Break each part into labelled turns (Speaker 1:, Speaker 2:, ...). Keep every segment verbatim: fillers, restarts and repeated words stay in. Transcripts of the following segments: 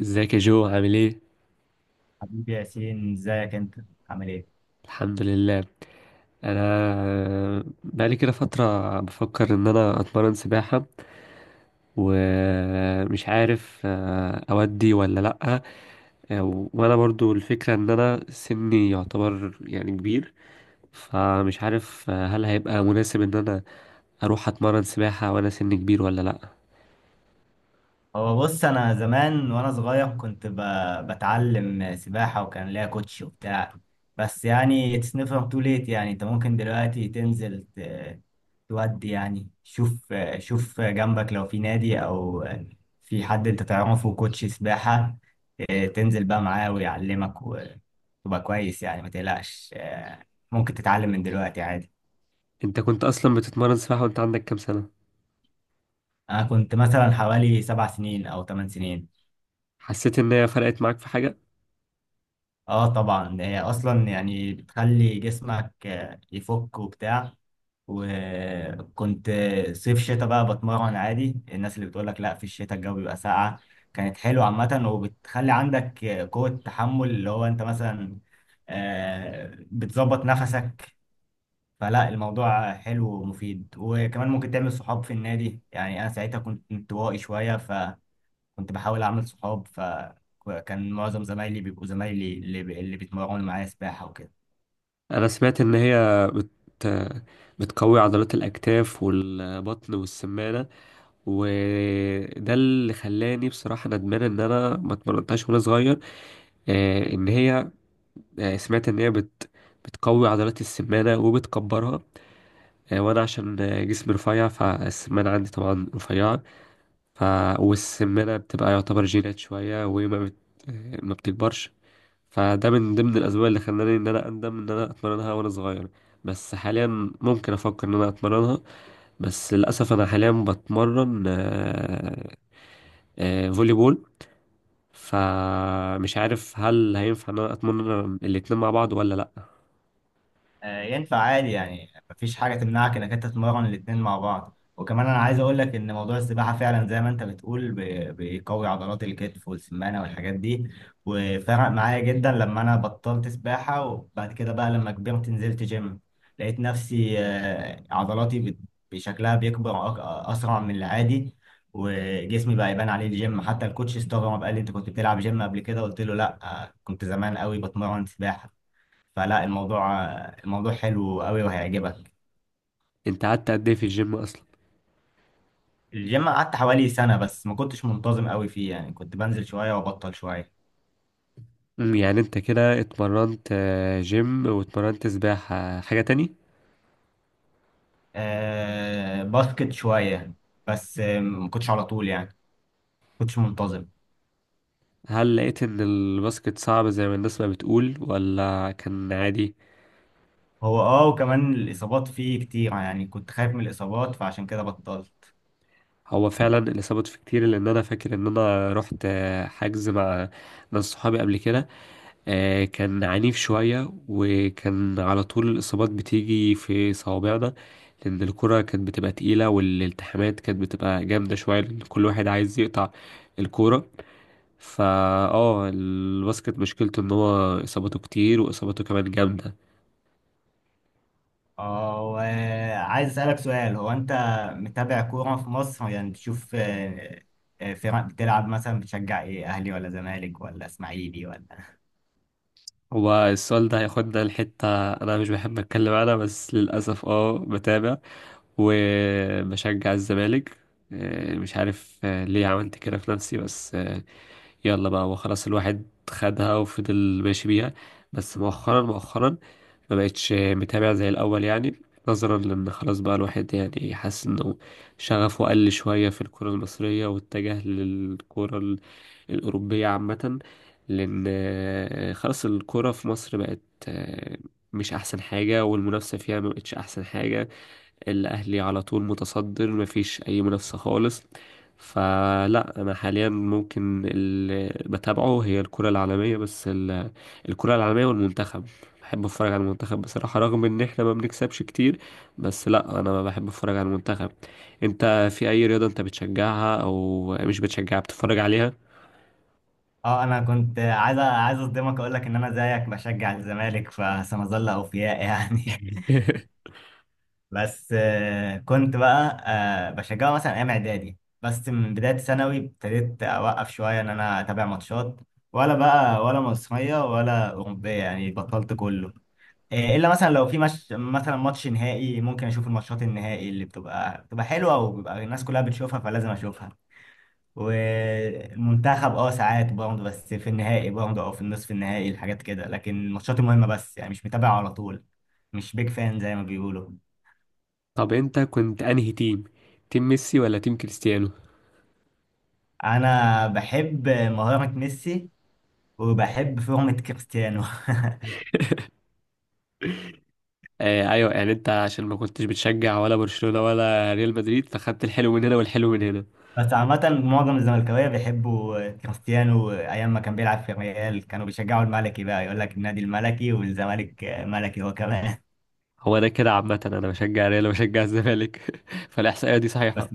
Speaker 1: ازيك يا جو؟ عامل ايه؟
Speaker 2: حبيبي ياسين، ازيك انت؟ عامل ايه؟
Speaker 1: الحمد لله. انا بقالي كده فتره بفكر ان انا اتمرن سباحه، ومش عارف آه، اودي ولا لا. آه، وانا برضو الفكره ان انا سني يعتبر يعني كبير، فمش عارف آه، هل هيبقى مناسب ان انا اروح اتمرن سباحه وانا سني كبير ولا لا؟
Speaker 2: هو بص، انا زمان وانا صغير كنت ب... بتعلم سباحه وكان ليا كوتش وبتاع. بس يعني اتس نيفر تو ليت. يعني انت ممكن دلوقتي تنزل ت... تودي. يعني شوف، شوف جنبك لو في نادي او في حد انت تعرفه كوتش سباحه. اه، تنزل بقى معاه ويعلمك وتبقى كويس. يعني ما تقلقش، اه، ممكن تتعلم من دلوقتي عادي.
Speaker 1: انت كنت اصلا بتتمرن سباحه وانت عندك كام سنه؟
Speaker 2: انا كنت مثلا حوالي سبع سنين او ثمان سنين.
Speaker 1: حسيت ان هي فرقت معاك في حاجه؟
Speaker 2: اه طبعا، هي اصلا يعني بتخلي جسمك آه، يفك وبتاع. وكنت آه، صيف شتاء بقى بتمرن عادي. الناس اللي بتقولك لا في الشتاء الجو بيبقى ساقع، كانت حلوة عامة. وبتخلي عندك آه، قوة تحمل، اللي هو انت مثلا آه، بتظبط نفسك. فلا، الموضوع حلو ومفيد، وكمان ممكن تعمل صحاب في النادي. يعني انا ساعتها كنت انطوائي شوية، كنت بحاول اعمل صحاب. فكان معظم زمايلي بيبقوا زمايلي اللي, بي- اللي بيتمرنوا معايا سباحة وكده.
Speaker 1: انا سمعت ان هي بت... بتقوي عضلات الاكتاف والبطن والسمانه، وده اللي خلاني بصراحه ندمان ان انا ما اتمرنتهاش وانا صغير. آه، ان هي آه، سمعت ان هي بت... بتقوي عضلات السمانه وبتكبرها. آه، وانا عشان آه، جسمي رفيع فالسمانه عندي طبعا رفيعه. ف... والسمانه بتبقى يعتبر جينات شويه وما بت... آه، ما بتكبرش، فده من ضمن الاسباب اللي خلاني ان انا اندم ان انا اتمرنها وانا صغير. بس حاليا ممكن افكر ان انا اتمرنها، بس للاسف انا حاليا بتمرن آه، آه، فولي بول، فمش عارف هل هينفع ان انا اتمرن الاتنين مع بعض ولا لا؟
Speaker 2: آه، ينفع عادي. يعني مفيش حاجة تمنعك إنك أنت تتمرن الاتنين مع بعض. وكمان أنا عايز أقول لك إن موضوع السباحة فعلا زي ما أنت بتقول بي- بيقوي عضلات الكتف والسمانة والحاجات دي. وفرق معايا جدا لما أنا بطلت سباحة. وبعد كده بقى لما كبرت نزلت جيم، لقيت نفسي آه، عضلاتي بت- بشكلها بيكبر أك- أسرع من العادي. وجسمي بقى يبان عليه الجيم. حتى الكوتش استغرب، قال لي أنت كنت بتلعب جيم قبل كده؟ قلت له لأ، آه، كنت زمان قوي بتمرن سباحة. فلا، الموضوع الموضوع حلو قوي وهيعجبك.
Speaker 1: انت قعدت قد ايه في الجيم اصلا؟
Speaker 2: الجيم قعدت حوالي سنة، بس ما كنتش منتظم قوي فيه. يعني كنت بنزل شوية وبطل شوية.
Speaker 1: أمم، يعني انت كده اتمرنت آه، جيم واتمرنت سباحة، حاجة تاني؟
Speaker 2: آه باسكت شوية. بس آه، ما كنتش على طول، يعني ما كنتش منتظم.
Speaker 1: هل لقيت ان الباسكت صعب زي ما الناس ما بتقول ولا كان عادي؟
Speaker 2: هو اه وكمان الإصابات فيه كتير. يعني كنت خايف من الإصابات، فعشان كده بطلت.
Speaker 1: هو فعلا اللي ثبت في كتير، لان انا فاكر ان انا رحت آه، حجز مع ناس صحابي قبل كده. آه، كان عنيف شوية وكان على طول الاصابات بتيجي في صوابعنا، لان الكرة كانت بتبقى تقيلة والالتحامات كانت بتبقى جامدة شوية لان كل واحد عايز يقطع الكورة. فا اه، الباسكت مشكلته ان هو اصاباته كتير واصاباته كمان جامدة.
Speaker 2: اه، وعايز أسألك سؤال. هو أنت متابع كورة في مصر؟ يعني تشوف آه، آه، فرق بتلعب مثلا، بتشجع إيه؟ أهلي ولا زمالك ولا إسماعيلي ولا؟
Speaker 1: هو السؤال ده هياخدنا لحتة انا مش بحب اتكلم عنها، بس للاسف اه بتابع وبشجع الزمالك. آه، مش عارف آه، ليه عملت كده في نفسي، بس آه، يلا بقى وخلاص، الواحد خدها وفضل ماشي بيها. بس مؤخرا، مؤخرا ما بقتش متابع زي الأول، يعني نظرا لأن خلاص بقى الواحد يعني حاسس إنه شغفه قل شوية في الكرة المصرية، واتجه للكرة ال- الأوروبية عامة. لأن آه، خلاص الكرة في مصر بقت آه، مش أحسن حاجة، والمنافسة فيها ما بقتش أحسن حاجة. الأهلي على طول متصدر، مفيش أي منافسة خالص. فلا أنا حاليا ممكن اللي بتابعه هي الكرة العالمية بس، ال- الكرة العالمية والمنتخب. بحب أتفرج على المنتخب بصراحة، رغم إن إحنا ما بنكسبش كتير، بس لا أنا بحب أتفرج على المنتخب. أنت في أي رياضة أنت بتشجعها أو مش بتشجعها بتتفرج عليها؟
Speaker 2: اه، انا كنت عايز عايز اصدمك، اقول لك ان انا زيك بشجع الزمالك، فسنظل اوفياء يعني. بس آه، كنت بقى آه، بشجعه مثلا ايام اعدادي. بس من بدايه ثانوي ابتديت اوقف شويه ان انا اتابع ماتشات. ولا بقى ولا مصريه ولا اوروبيه، يعني بطلت كله. آه، الا مثلا لو في مش مثلا ماتش نهائي، ممكن اشوف الماتشات النهائي اللي بتبقى بتبقى حلوه، وبيبقى الناس كلها بتشوفها فلازم اشوفها. والمنتخب اه ساعات برضه، بس في النهائي برضه او في النصف النهائي الحاجات كده. لكن الماتشات المهمة بس، يعني مش متابع على طول. مش بيج فان زي ما بيقولوا.
Speaker 1: طب أنت كنت أنهي تيم؟ تيم ميسي ولا تيم كريستيانو؟
Speaker 2: انا بحب مهارة ميسي، وبحب فورمة كريستيانو.
Speaker 1: آه ايوه، يعني انت عشان ما كنتش بتشجع ولا برشلونة ولا ريال مدريد، فخدت الحلو من هنا والحلو من هنا.
Speaker 2: بس عامة معظم الزملكاوية بيحبوا كريستيانو. أيام ما كان بيلعب في الريال كانوا بيشجعوا الملكي، بقى يقول لك النادي الملكي والزمالك ملكي هو كمان.
Speaker 1: هو ده كده عامة، انا بشجع ريال وبشجع الزمالك فالاحصائية دي
Speaker 2: بس
Speaker 1: صحيحة.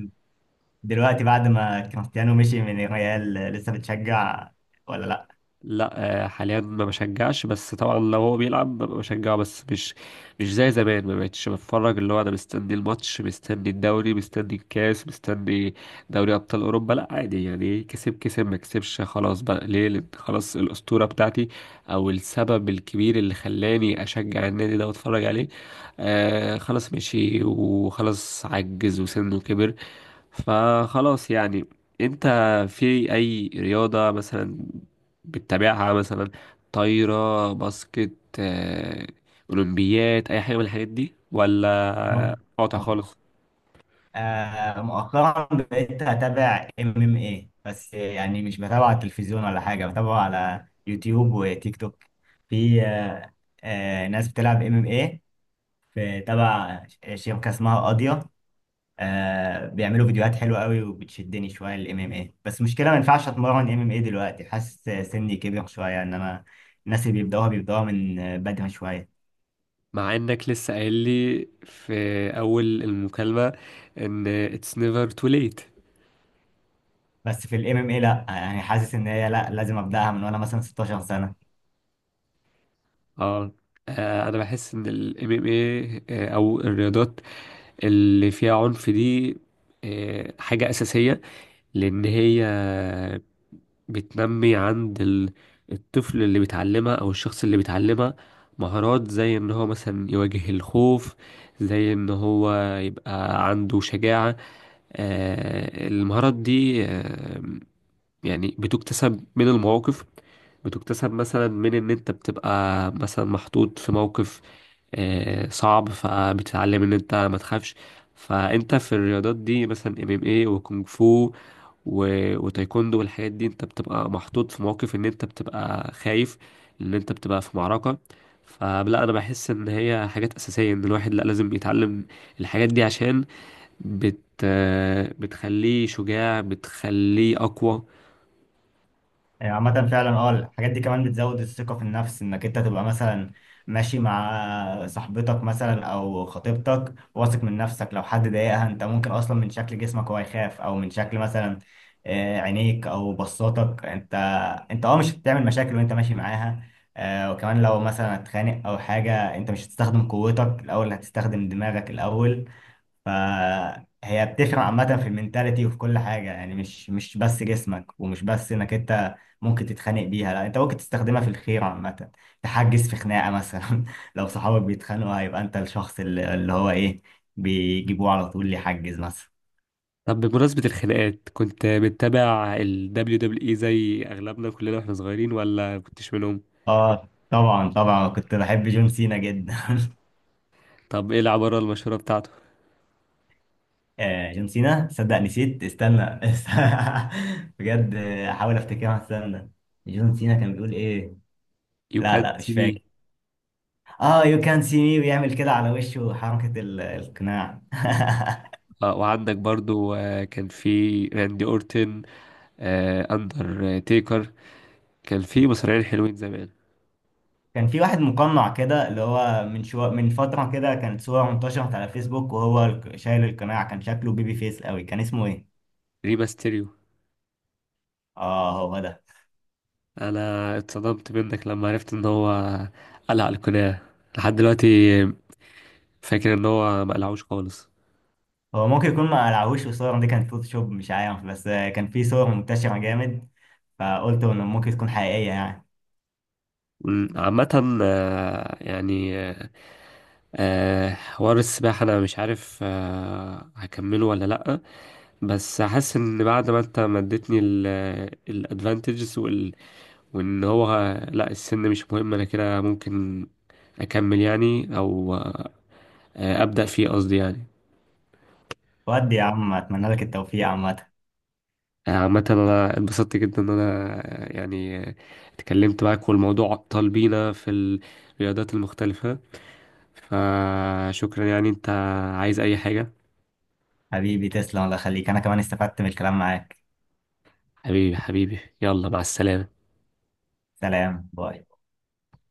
Speaker 2: دلوقتي بعد ما كريستيانو مشي من الريال، لسه بتشجع ولا
Speaker 1: لا آه، حاليا ما بشجعش، بس طبعا لو هو بيلعب ببقى بشجعه، بس مش مش زي زمان. ما بقتش بتفرج اللي هو انا مستني الماتش، مستني الدوري، مستني الكاس، مستني دوري ابطال اوروبا. لا عادي، يعني كسب كسب، ما كسبش خلاص بقى. ليه؟ لأن خلاص الاسطوره بتاعتي او السبب الكبير اللي خلاني اشجع النادي ده واتفرج عليه، آه خلاص مشي وخلاص عجز وسنه كبر، فخلاص يعني. انت في اي رياضة مثلا بتتابعها؟ مثلا طايرة، باسكت، آه، اولمبيات، اي حاجة من الحاجات دي
Speaker 2: لأ؟
Speaker 1: ولا قاطع خالص؟
Speaker 2: آه مؤخرا بقيت اتابع ام ام اي. بس يعني مش بتابع على التلفزيون ولا حاجه، بتابعه على يوتيوب وتيك توك. في آه آه ناس بتلعب ام ام اي. في تبع شبكه اسمها قاضيه، آه بيعملوا فيديوهات حلوه قوي، وبتشدني شويه الام ام اي. بس مشكله، ما ينفعش اتمرن ام ام اي دلوقتي. حاسس سني كبر شويه، ان انا الناس اللي بيبداوها، بيبداوها من بدري شويه.
Speaker 1: مع انك لسه قايل لي في اول المكالمة ان it's never too late.
Speaker 2: بس في الام ام اي لا، يعني حاسس ان هي لا، لازم ابداها من وانا مثلا ستة عشر سنة سنه.
Speaker 1: اه، آه، انا بحس ان ال إم إم إيه آه، او الرياضات اللي فيها عنف دي آه، حاجة اساسية، لان هي بتنمي عند ال- الطفل اللي بيتعلمها او الشخص اللي بيتعلمها مهارات زي ان هو مثلا يواجه الخوف، زي ان هو يبقى عنده شجاعة. آه، المهارات دي آه، يعني بتكتسب من المواقف، بتكتسب مثلا من ان انت بتبقى مثلا محطوط في موقف آه، صعب، فبتتعلم ان انت ما تخافش. فانت في الرياضات دي مثلا ام ام اي وكونغ فو و- وتايكوندو والحاجات دي، انت بتبقى محطوط في مواقف ان انت بتبقى خايف، ان انت بتبقى في معركة. فلا انا بحس ان هي حاجات اساسية ان الواحد لا لازم يتعلم الحاجات دي، عشان بت بتخليه شجاع، بتخليه اقوى.
Speaker 2: يعني عامة فعلا اه الحاجات دي كمان بتزود الثقة في النفس. انك انت تبقى مثلا ماشي مع صاحبتك مثلا او خطيبتك واثق من نفسك، لو حد ضايقها انت ممكن اصلا من شكل جسمك هو يخاف، او من شكل مثلا آه، عينيك او بصاتك. انت انت اه مش هتعمل مشاكل وانت ماشي معاها. آه، وكمان لو مثلا هتخانق او حاجة، انت مش هتستخدم قوتك الاول، هتستخدم دماغك الاول. فهي بتفرق عامة في المنتاليتي وفي كل حاجة. يعني مش مش بس جسمك، ومش بس انك انت ممكن تتخانق بيها، لا، انت ممكن تستخدمها في الخير عامة. تحجز في خناقة مثلا. لو صحابك بيتخانقوا، هيبقى انت الشخص اللي, اللي هو ايه، بيجيبوه على طول يحجز مثلا.
Speaker 1: طب بمناسبة الخناقات، كنت بتتابع ال W W E زي اغلبنا كلنا واحنا صغيرين ولا كنتش منهم؟
Speaker 2: اه، طبعا طبعا كنت بحب جون سينا جدا.
Speaker 1: طب ايه العبارة المشهورة بتاعته؟
Speaker 2: آه جون سينا، صدق نسيت، استنى. بجد آه، احاول افتكرها، استنى. جون سينا كان بيقول ايه؟
Speaker 1: You
Speaker 2: لا،
Speaker 1: can't
Speaker 2: لا، مش
Speaker 1: see me.
Speaker 2: فاكر. اه، يو كان سي مي، ويعمل كده على وشه حركة ال- القناع.
Speaker 1: آه، وعندك برضو آه، كان في راندي اورتن، آه، أندر تيكر، كان في مصارعين حلوين زمان.
Speaker 2: كان في واحد مقنع كده، اللي هو من شو، من فترة كده كانت صورة انتشرت على فيسبوك وهو الك- شايل القناع، كان شكله بيبي فيس قوي. كان اسمه ايه؟
Speaker 1: ريما ستيريو.
Speaker 2: اه، هو ده.
Speaker 1: أنا اتصدمت منك لما عرفت إن هو قلع القناع، لحد دلوقتي فاكر إن هو ما قلعوش خالص.
Speaker 2: هو ممكن يكون ما قلعهوش والصور دي كانت فوتوشوب، مش عارف. بس آه، كان في صور منتشرة جامد، فقلت انه ممكن تكون حقيقية يعني.
Speaker 1: م، عامة آه، يعني آه، آه، حوار السباحة أنا مش عارف آه، هكمله ولا لأ، بس حاسس إن بعد ما أنت مدتني الادفانتجز وان هو لا السن مش مهم، انا كده ممكن اكمل يعني او آه، ابدا فيه قصدي يعني.
Speaker 2: ودي يا عم، اتمنى لك التوفيق عامة.
Speaker 1: آه، عامة أنا اتبسطت جدا إن أنا آه، يعني آه، اتكلمت معاك والموضوع أطال بينا في الرياضات المختلفة، فشكرا يعني. أنت عايز أي حاجة؟
Speaker 2: حبيبي تسلم، الله يخليك. انا كمان استفدت من الكلام معاك.
Speaker 1: حبيبي، حبيبي، يلا مع السلامة.
Speaker 2: سلام، باي.